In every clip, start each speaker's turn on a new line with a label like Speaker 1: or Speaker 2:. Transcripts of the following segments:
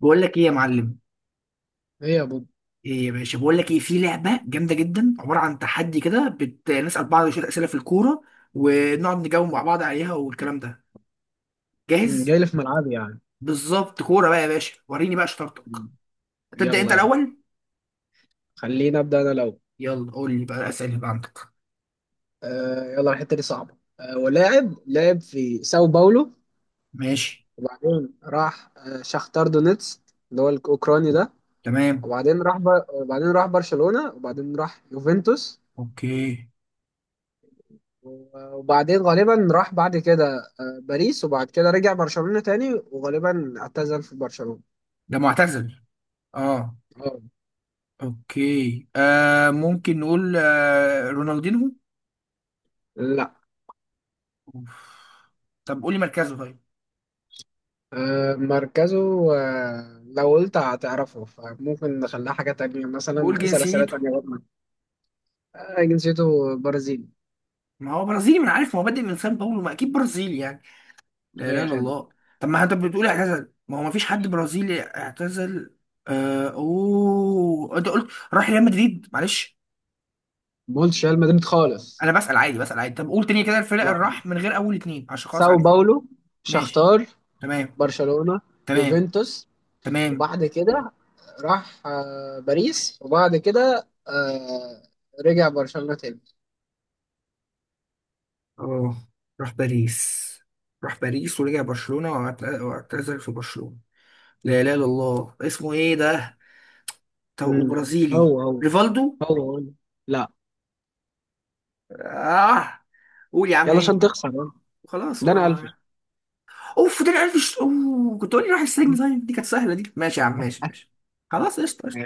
Speaker 1: بقول لك ايه يا معلم؟
Speaker 2: ايه يا بوب.
Speaker 1: ايه يا باشا، بقول لك ايه، في لعبه جامده جدا، عباره عن تحدي كده. نسال بعض شويه اسئله في الكوره، ونقعد نجاوب مع بعض عليها والكلام ده. جاهز؟
Speaker 2: جاي لي في ملعبي يعني.
Speaker 1: بالظبط. كوره بقى يا باشا، وريني بقى شطارتك.
Speaker 2: مم،
Speaker 1: تبدا انت
Speaker 2: يلا يلا.
Speaker 1: الاول.
Speaker 2: خليني ابدا انا الاول.
Speaker 1: يلا قول لي بقى الاسئله اللي بقى عندك.
Speaker 2: آه يلا، الحته دي صعبه. ولاعب لعب في ساو باولو.
Speaker 1: ماشي.
Speaker 2: وبعدين راح شختار دونيتسك، اللي هو الاوكراني ده.
Speaker 1: تمام.
Speaker 2: وبعدين راح وبعدين راح برشلونه، وبعدين راح يوفنتوس.
Speaker 1: اوكي.
Speaker 2: وبعدين غالبا راح بعد كده باريس، وبعد كده رجع برشلونه تاني، وغالبا اعتزل في برشلونه.
Speaker 1: ده معتزل؟ اه.
Speaker 2: اه.
Speaker 1: اوكي، ممكن نقول رونالدينو؟
Speaker 2: لا.
Speaker 1: أوف. طب قول لي مركزه طيب.
Speaker 2: مركزه. لو قلت هتعرفه فممكن نخليها حاجة تانية،
Speaker 1: قول
Speaker 2: مثلا اسأل أسئلة
Speaker 1: جنسيته.
Speaker 2: تانية برضه. جنسيته برازيلي.
Speaker 1: ما هو برازيلي، ما انا عارف، ما هو بادئ من سان باولو، ما اكيد برازيلي يعني. لا اله
Speaker 2: أي
Speaker 1: الا
Speaker 2: خدمة.
Speaker 1: الله. طب ما انت بتقول اعتزل، ما هو ما فيش حد برازيلي اعتزل. آه، اوه، انت قلت راح ريال مدريد، معلش.
Speaker 2: ما قلتش ريال مدريد خالص.
Speaker 1: انا بسأل عادي، بسأل عادي. طب قول تاني كده الفرق اللي
Speaker 2: لا.
Speaker 1: راح من غير اول اتنين، عشان خلاص
Speaker 2: ساو
Speaker 1: عارف.
Speaker 2: باولو،
Speaker 1: ماشي.
Speaker 2: شختار،
Speaker 1: تمام.
Speaker 2: برشلونة،
Speaker 1: تمام
Speaker 2: يوفنتوس،
Speaker 1: تمام.
Speaker 2: وبعد كده راح باريس، وبعد كده رجع برشلونة تاني.
Speaker 1: اه. راح باريس. راح باريس ورجع برشلونة واعتزل في برشلونة. لا اله الا الله، اسمه ايه ده؟ طب
Speaker 2: مم.
Speaker 1: وبرازيلي؟
Speaker 2: هو هو.
Speaker 1: ريفالدو.
Speaker 2: هو هو. لا.
Speaker 1: اه. قول يا عم،
Speaker 2: يلا عشان
Speaker 1: مين؟
Speaker 2: تخسر يلا.
Speaker 1: خلاص،
Speaker 2: ده انا
Speaker 1: ما.
Speaker 2: قفش.
Speaker 1: اوف، ده عارف اوه، كنت اقول لي روح السجن. طيب، دي كانت سهله دي. ماشي يا عم، ماشي. خلاص، قشطه قشطه.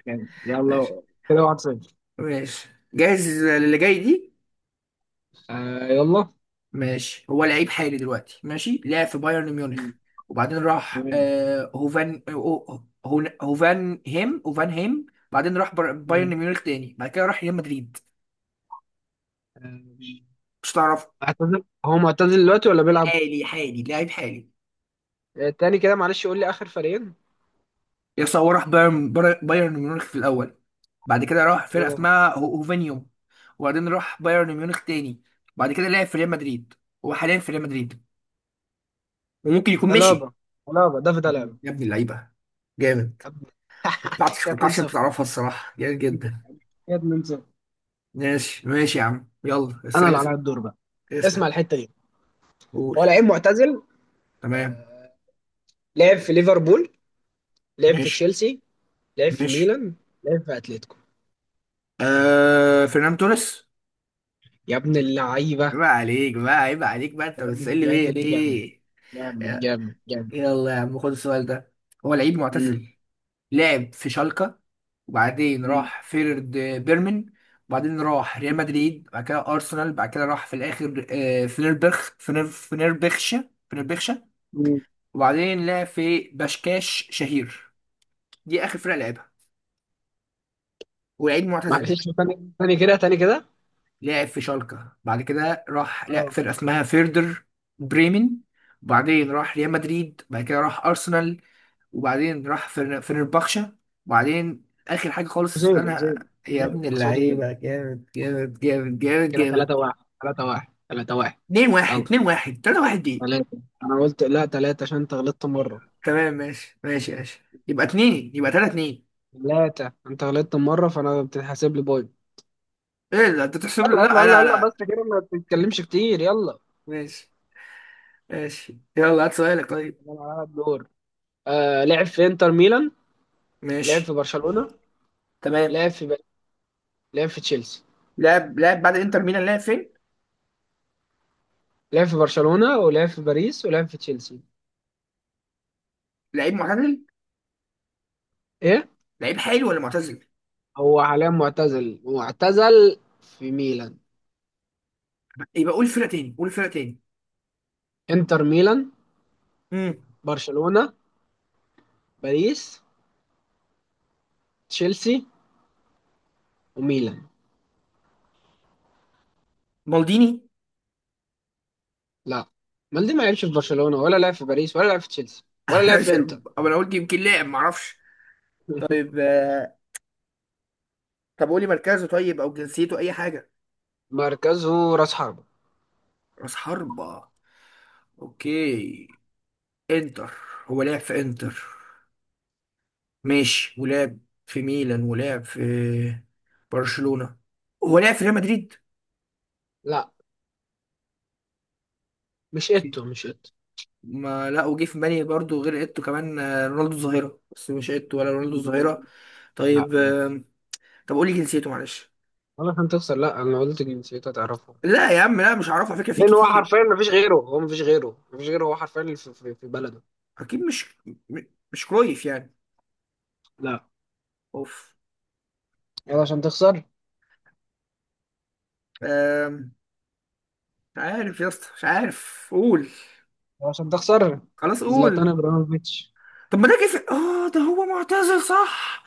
Speaker 1: ماشي
Speaker 2: يلا. كده واحد صفر.
Speaker 1: ماشي، جاهز للي جاي دي؟
Speaker 2: آه يلا.
Speaker 1: ماشي. هو لعيب حالي دلوقتي، ماشي، لعب في بايرن ميونخ،
Speaker 2: مم.
Speaker 1: وبعدين راح
Speaker 2: تمام.
Speaker 1: هوفان هيم هوفان هيم. بعدين راح بايرن
Speaker 2: مم.
Speaker 1: ميونخ تاني، بعد كده راح ريال مدريد.
Speaker 2: آه،
Speaker 1: مش تعرف؟
Speaker 2: اعتزل؟ هو معتزل دلوقتي ولا بيلعب؟
Speaker 1: حالي، حالي، لعيب حالي.
Speaker 2: تاني كده معلش، قول لي آخر فريقين.
Speaker 1: يس، هو راح بايرن، بايرن ميونخ في الاول، بعد كده راح فرقه
Speaker 2: تمام.
Speaker 1: اسمها هوفانيوم، وبعدين راح بايرن ميونخ تاني، بعد كده لعب في ريال مدريد، هو حاليا في ريال مدريد، وممكن يكون مشي.
Speaker 2: ألابا. ألابا دافيد ألابا.
Speaker 1: يا ابن اللعيبه، جامد.
Speaker 2: أب-
Speaker 1: ما توقعتش، ما
Speaker 2: كده
Speaker 1: توقعتش انت
Speaker 2: 2-0.
Speaker 1: تعرفها الصراحه، جامد جدا.
Speaker 2: كده 2-0.
Speaker 1: ماشي ماشي يا عم، يلا،
Speaker 2: أنا
Speaker 1: استنى
Speaker 2: اللي عليا
Speaker 1: اسال.
Speaker 2: الدور بقى. اسمع
Speaker 1: اسأل.
Speaker 2: الحتة دي.
Speaker 1: قول.
Speaker 2: هو لعيب معتزل.
Speaker 1: تمام.
Speaker 2: آه، لعب في ليفربول. لعب في
Speaker 1: ماشي
Speaker 2: تشيلسي. لعب في
Speaker 1: ماشي.
Speaker 2: ميلان. لعب في أتلتيكو.
Speaker 1: آه، فرنان توريس.
Speaker 2: يا ابن اللعيبة.
Speaker 1: عيب عليك بقى، عيب عليك بقى، انت
Speaker 2: جامد
Speaker 1: بتسألني ليه،
Speaker 2: جامد جامد
Speaker 1: ليه؟
Speaker 2: جامد جامد جامد.
Speaker 1: يلا يا عم، خد السؤال ده. هو لعيب
Speaker 2: مم.
Speaker 1: معتزل، لعب في شالكة، وبعدين
Speaker 2: مم.
Speaker 1: راح فيرد، بيرمن، وبعدين راح ريال مدريد، بعد كده أرسنال، بعد كده راح في الآخر، فنربخشة فنربخشة،
Speaker 2: مم.
Speaker 1: وبعدين لعب في بشكاش شهير، دي آخر فرقة لعبها، ولعيب معتزل.
Speaker 2: معلش، تاني تاني كده، تاني كده.
Speaker 1: لعب في شالكة، بعد كده راح لا فرقة اسمها فيردر، بريمن، وبعدين راح ريال مدريد، بعد كده راح أرسنال، وبعدين راح فنربخشة، وبعدين آخر حاجة خالص
Speaker 2: زيرو
Speaker 1: أنا.
Speaker 2: زيرو
Speaker 1: يا ابن
Speaker 2: زيرو، بس برضه زيرو.
Speaker 1: اللعيبة، جامد جامد جامد جامد
Speaker 2: كده
Speaker 1: جامد.
Speaker 2: 3 1. 3 1 3 1.
Speaker 1: اتنين واحد
Speaker 2: يلا.
Speaker 1: اتنين واحد تلاتة واحد دي؟
Speaker 2: 3، انا قلت لا 3 عشان انت غلطت مرة.
Speaker 1: تمام ماشي ماشي ماشي، يبقى اتنين، يبقى تلاتة اتنين.
Speaker 2: 3، انت غلطت مرة فانا بتتحسب لي بوينت.
Speaker 1: ايه ده انت تحسب،
Speaker 2: يلا يلا
Speaker 1: لا
Speaker 2: يلا
Speaker 1: لا
Speaker 2: يلا،
Speaker 1: لا.
Speaker 2: بس كده ما تتكلمش كتير، يلا.
Speaker 1: ماشي ماشي، يلا هات سؤالك طيب.
Speaker 2: يلا على الدور. لعب في انتر ميلان. لعب في
Speaker 1: ماشي.
Speaker 2: برشلونة.
Speaker 1: تمام.
Speaker 2: لعب في باريس. لعب في تشيلسي.
Speaker 1: لاعب، لاعب بعد انتر ميلان لاعب فين؟
Speaker 2: لعب في برشلونة، ولعب في باريس، ولعب في تشيلسي.
Speaker 1: لعيب معتزل؟
Speaker 2: ايه.
Speaker 1: لعيب حالي ولا معتزل؟
Speaker 2: هو حاليا معتزل، معتزل في ميلان.
Speaker 1: يبقى قول فرقة تاني، قول فرقة تاني.
Speaker 2: انتر ميلان،
Speaker 1: امم،
Speaker 2: برشلونة، باريس، تشيلسي، وميلان.
Speaker 1: مالديني.
Speaker 2: لا. مالدي ما لعبش في برشلونة، ولا لعب في باريس، ولا لعب في تشيلسي، ولا لعب
Speaker 1: مش-
Speaker 2: في انتر.
Speaker 1: أما انا قلت يمكن لاعب، معرفش. طيب، طب قولي مركزه طيب، او جنسيته، اي حاجه.
Speaker 2: مركزه راس حربة.
Speaker 1: راس حربة. اوكي. انتر، هو لعب في انتر، ماشي، ولعب في ميلان، ولعب في برشلونة، هو لعب في ريال مدريد؟
Speaker 2: لا. مش
Speaker 1: اوكي.
Speaker 2: ايتو، مش ايتو.
Speaker 1: ما لا، وجه في بالي برضه غير ايتو، كمان رونالدو الظاهرة، بس مش ايتو ولا رونالدو الظاهرة.
Speaker 2: لا.
Speaker 1: طيب،
Speaker 2: لا.
Speaker 1: آم، طب قولي جنسيته معلش.
Speaker 2: ولا عشان تخسر. لا، انا قلت جنسيته تعرفه.
Speaker 1: لا يا عم، لا، مش هعرفه على فكرة، في
Speaker 2: لان هو
Speaker 1: كتير.
Speaker 2: حرفيا ما فيش غيره، هو ما فيش غيره، ما فيش غيره، هو حرفيا اللي في بلده.
Speaker 1: اكيد مش، م- مش كرويف يعني؟
Speaker 2: لا.
Speaker 1: اوف.
Speaker 2: يلا عشان تخسر.
Speaker 1: آم، مش عارف يا اسطى، مش عارف، قول.
Speaker 2: يلا عشان تخسر.
Speaker 1: خلاص
Speaker 2: زلاتان
Speaker 1: قول.
Speaker 2: ابراهيموفيتش.
Speaker 1: طب ما ده جه في اه، ده هو معتزل صح؟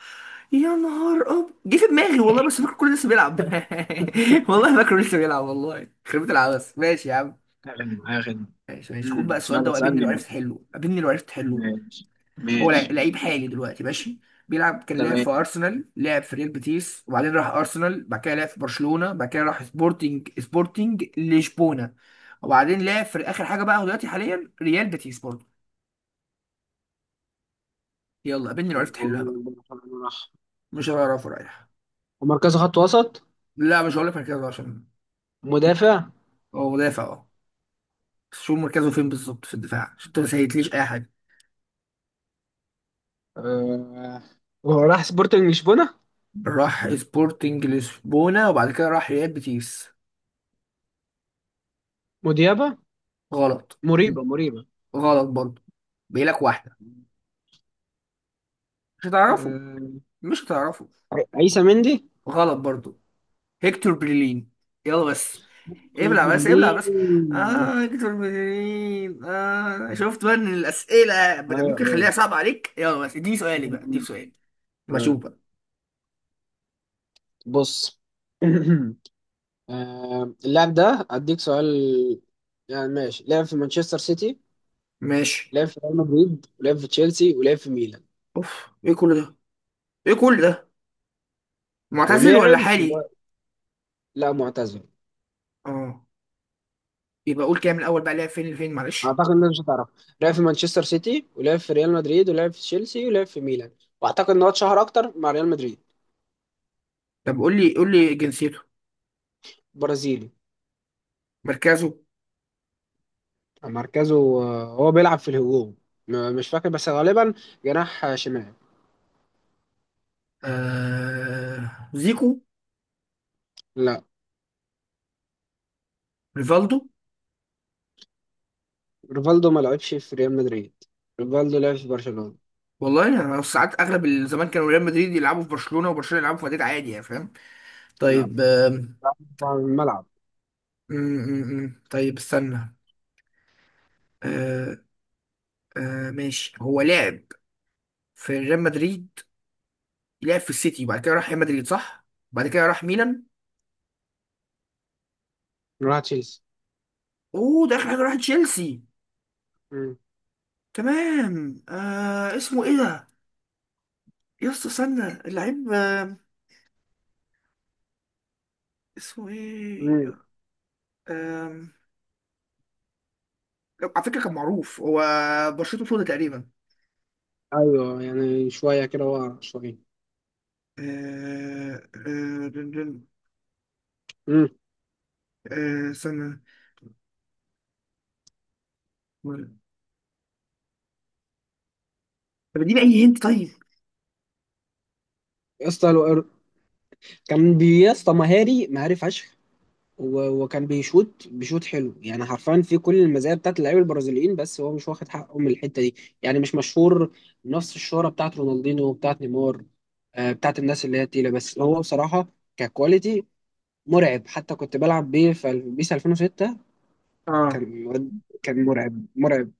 Speaker 1: يا نهار اب، جه في دماغي والله، بس فاكر كله لسه بيلعب. والله فاكره لسه بيلعب، والله خربت العبس. ماشي يا عم،
Speaker 2: يا خدمة يا خدمة.
Speaker 1: ماشي ماشي. خد بقى السؤال ده،
Speaker 2: يلا
Speaker 1: وقابلني
Speaker 2: اسألني
Speaker 1: لو
Speaker 2: بقى.
Speaker 1: عرفت حله، قابلني لو عرفت حله.
Speaker 2: ماشي.
Speaker 1: هو
Speaker 2: ماشي.
Speaker 1: لعيب حالي دلوقتي، ماشي، بيلعب، كان لعب في
Speaker 2: تمام.
Speaker 1: ارسنال، لعب في ريال بيتيس، وبعدين راح ارسنال، بعد كده لعب في برشلونة، بعد كده راح سبورتنج لشبونة، وبعدين لعب في اخر حاجة بقى، هو دلوقتي حاليا ريال بيتيس برضه. يلا قابلني لو عرفت حلها بقى. مش هعرفه رايح.
Speaker 2: ومركزه خط وسط.
Speaker 1: لا، مش هقول لك مركزه عشان.
Speaker 2: مدافع.
Speaker 1: هو مدافع اه، بس شوف مركزه فين بالظبط في الدفاع، عشان ما سهلتليش اي حاجه.
Speaker 2: آه. وهو راح سبورتنج لشبونة.
Speaker 1: راح سبورتنج لشبونه وبعد كده راح ريال بيتيس.
Speaker 2: مديابة.
Speaker 1: غلط.
Speaker 2: مريبة. مريبة.
Speaker 1: غلط برضه. بيقولك واحده مش هتعرفه،
Speaker 2: آه.
Speaker 1: مش هتعرفه.
Speaker 2: عيسى مندي.
Speaker 1: غلط برضه. هيكتور بريلين. يلا بس، ابلع بس، ابلع بس. اه،
Speaker 2: بليز.
Speaker 1: هيكتور بريلين، اه. شفت بقى ان الاسئله
Speaker 2: آه.
Speaker 1: ممكن
Speaker 2: آه.
Speaker 1: اخليها صعبه عليك. يلا بس اديني سؤالي بقى، اديني سؤالي. ما اشوف
Speaker 2: آه.
Speaker 1: بقى.
Speaker 2: بص. اللاعب ده اديك سؤال، يعني ماشي. لعب في مانشستر سيتي.
Speaker 1: ماشي.
Speaker 2: لعب في ريال مدريد، ولعب في تشيلسي، ولعب في ميلان.
Speaker 1: اوف، ايه كل ده؟ ايه كل ده؟ معتزل ولا
Speaker 2: ولعب في.
Speaker 1: حالي؟
Speaker 2: لا، معتزل.
Speaker 1: اه. يبقى قول كده من الاول بقى، لعب فين لفين، معلش.
Speaker 2: اعتقد الناس مش هتعرف. لعب في مانشستر سيتي، ولعب في ريال مدريد، ولعب في تشيلسي، ولعب في ميلان. واعتقد ان هو اتشهر اكتر مع ريال مدريد.
Speaker 1: طب قول لي، قول لي جنسيته.
Speaker 2: برازيلي.
Speaker 1: مركزه.
Speaker 2: مركزه. هو بيلعب في الهجوم. مش فاكر بس غالبا جناح شمال.
Speaker 1: آه... زيكو.
Speaker 2: لا.
Speaker 1: ريفالدو.
Speaker 2: ريفالدو ما لعبش في ريال مدريد. ريفالدو لعب في برشلونة.
Speaker 1: والله انا ساعات اغلب الزمان كانوا ريال مدريد يلعبوا في برشلونة، وبرشلونة يلعبوا في مدريد عادي يعني، فاهم.
Speaker 2: لا.
Speaker 1: طيب آه...
Speaker 2: لعب في الملعب.
Speaker 1: م -م -م. طيب استنى. آه... آه... ماشي، هو لعب في ريال مدريد، لعب في السيتي، وبعد كده راح ريال مدريد صح؟ بعد كده راح ميلان.
Speaker 2: راح تشيلسي.
Speaker 1: اوه، ده اخر حاجة، راح تشيلسي.
Speaker 2: مم.
Speaker 1: تمام. آه... اسمه ايه ده؟ يا اسطى، استنى، اللعيب آم، اسمه ايه؟
Speaker 2: مم.
Speaker 1: آم، على فكره كان معروف هو، بشرته سودا تقريبا.
Speaker 2: ايوه، يعني شويه كده ورا شويه.
Speaker 1: آه، آه، دن- دن-
Speaker 2: مم.
Speaker 1: استنى. طب اديني اي هنت طيب.
Speaker 2: يا اسطى كان يا اسطى، مهاري مهاري فشخ. وكان بيشوط بيشوط حلو، يعني حرفيا في كل المزايا بتاعت اللعيبه البرازيليين، بس هو مش واخد حقه من الحته دي، يعني مش مشهور نفس الشهره بتاعت رونالدينو وبتاعت نيمار، بتاعت الناس اللي هي تقيله، بس هو بصراحه ككواليتي مرعب، حتى كنت بلعب بيه في بيس 2006.
Speaker 1: اه.
Speaker 2: كان واد- كان مرعب مرعب.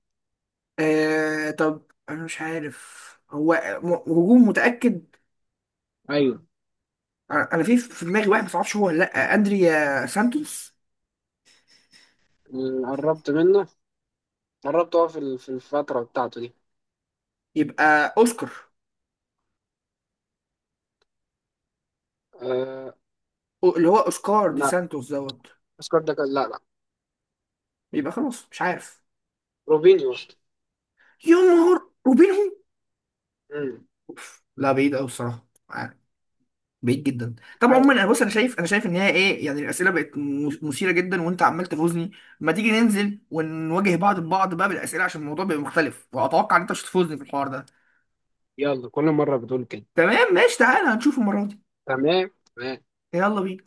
Speaker 1: آه، طب انا مش عارف هو، هجوم متاكد؟
Speaker 2: ايوه.
Speaker 1: انا في دماغي واحد، بس معرفش هو ولا لا، اندريا سانتوس.
Speaker 2: قربت منه. قربت، هو في في الفتره بتاعته دي.
Speaker 1: يبقى اوسكار.
Speaker 2: أه.
Speaker 1: اللي هو اوسكار دي
Speaker 2: لا
Speaker 1: سانتوس دوت.
Speaker 2: اسكت، ده كان، لا لا.
Speaker 1: يبقى خلاص مش عارف.
Speaker 2: روبينيو.
Speaker 1: يا نهار، وبينهم!
Speaker 2: أمم.
Speaker 1: أوف. لا، بعيد قوي الصراحه، بعيد جدا. طب عموما،
Speaker 2: عارف
Speaker 1: انا بص، انا
Speaker 2: يعني.
Speaker 1: شايف، انا شايف ان هي ايه يعني، الاسئله بقت مثيره جدا، وانت عمال تفوزني. ما تيجي ننزل ونواجه بعض ببعض بقى بالاسئله، عشان الموضوع بيبقى مختلف، واتوقع ان انت مش هتفوزني في الحوار ده.
Speaker 2: يلا كل مره بتقول كده.
Speaker 1: تمام ماشي، تعالى هنشوف المره دي.
Speaker 2: تمام. تمام.
Speaker 1: يلا بينا.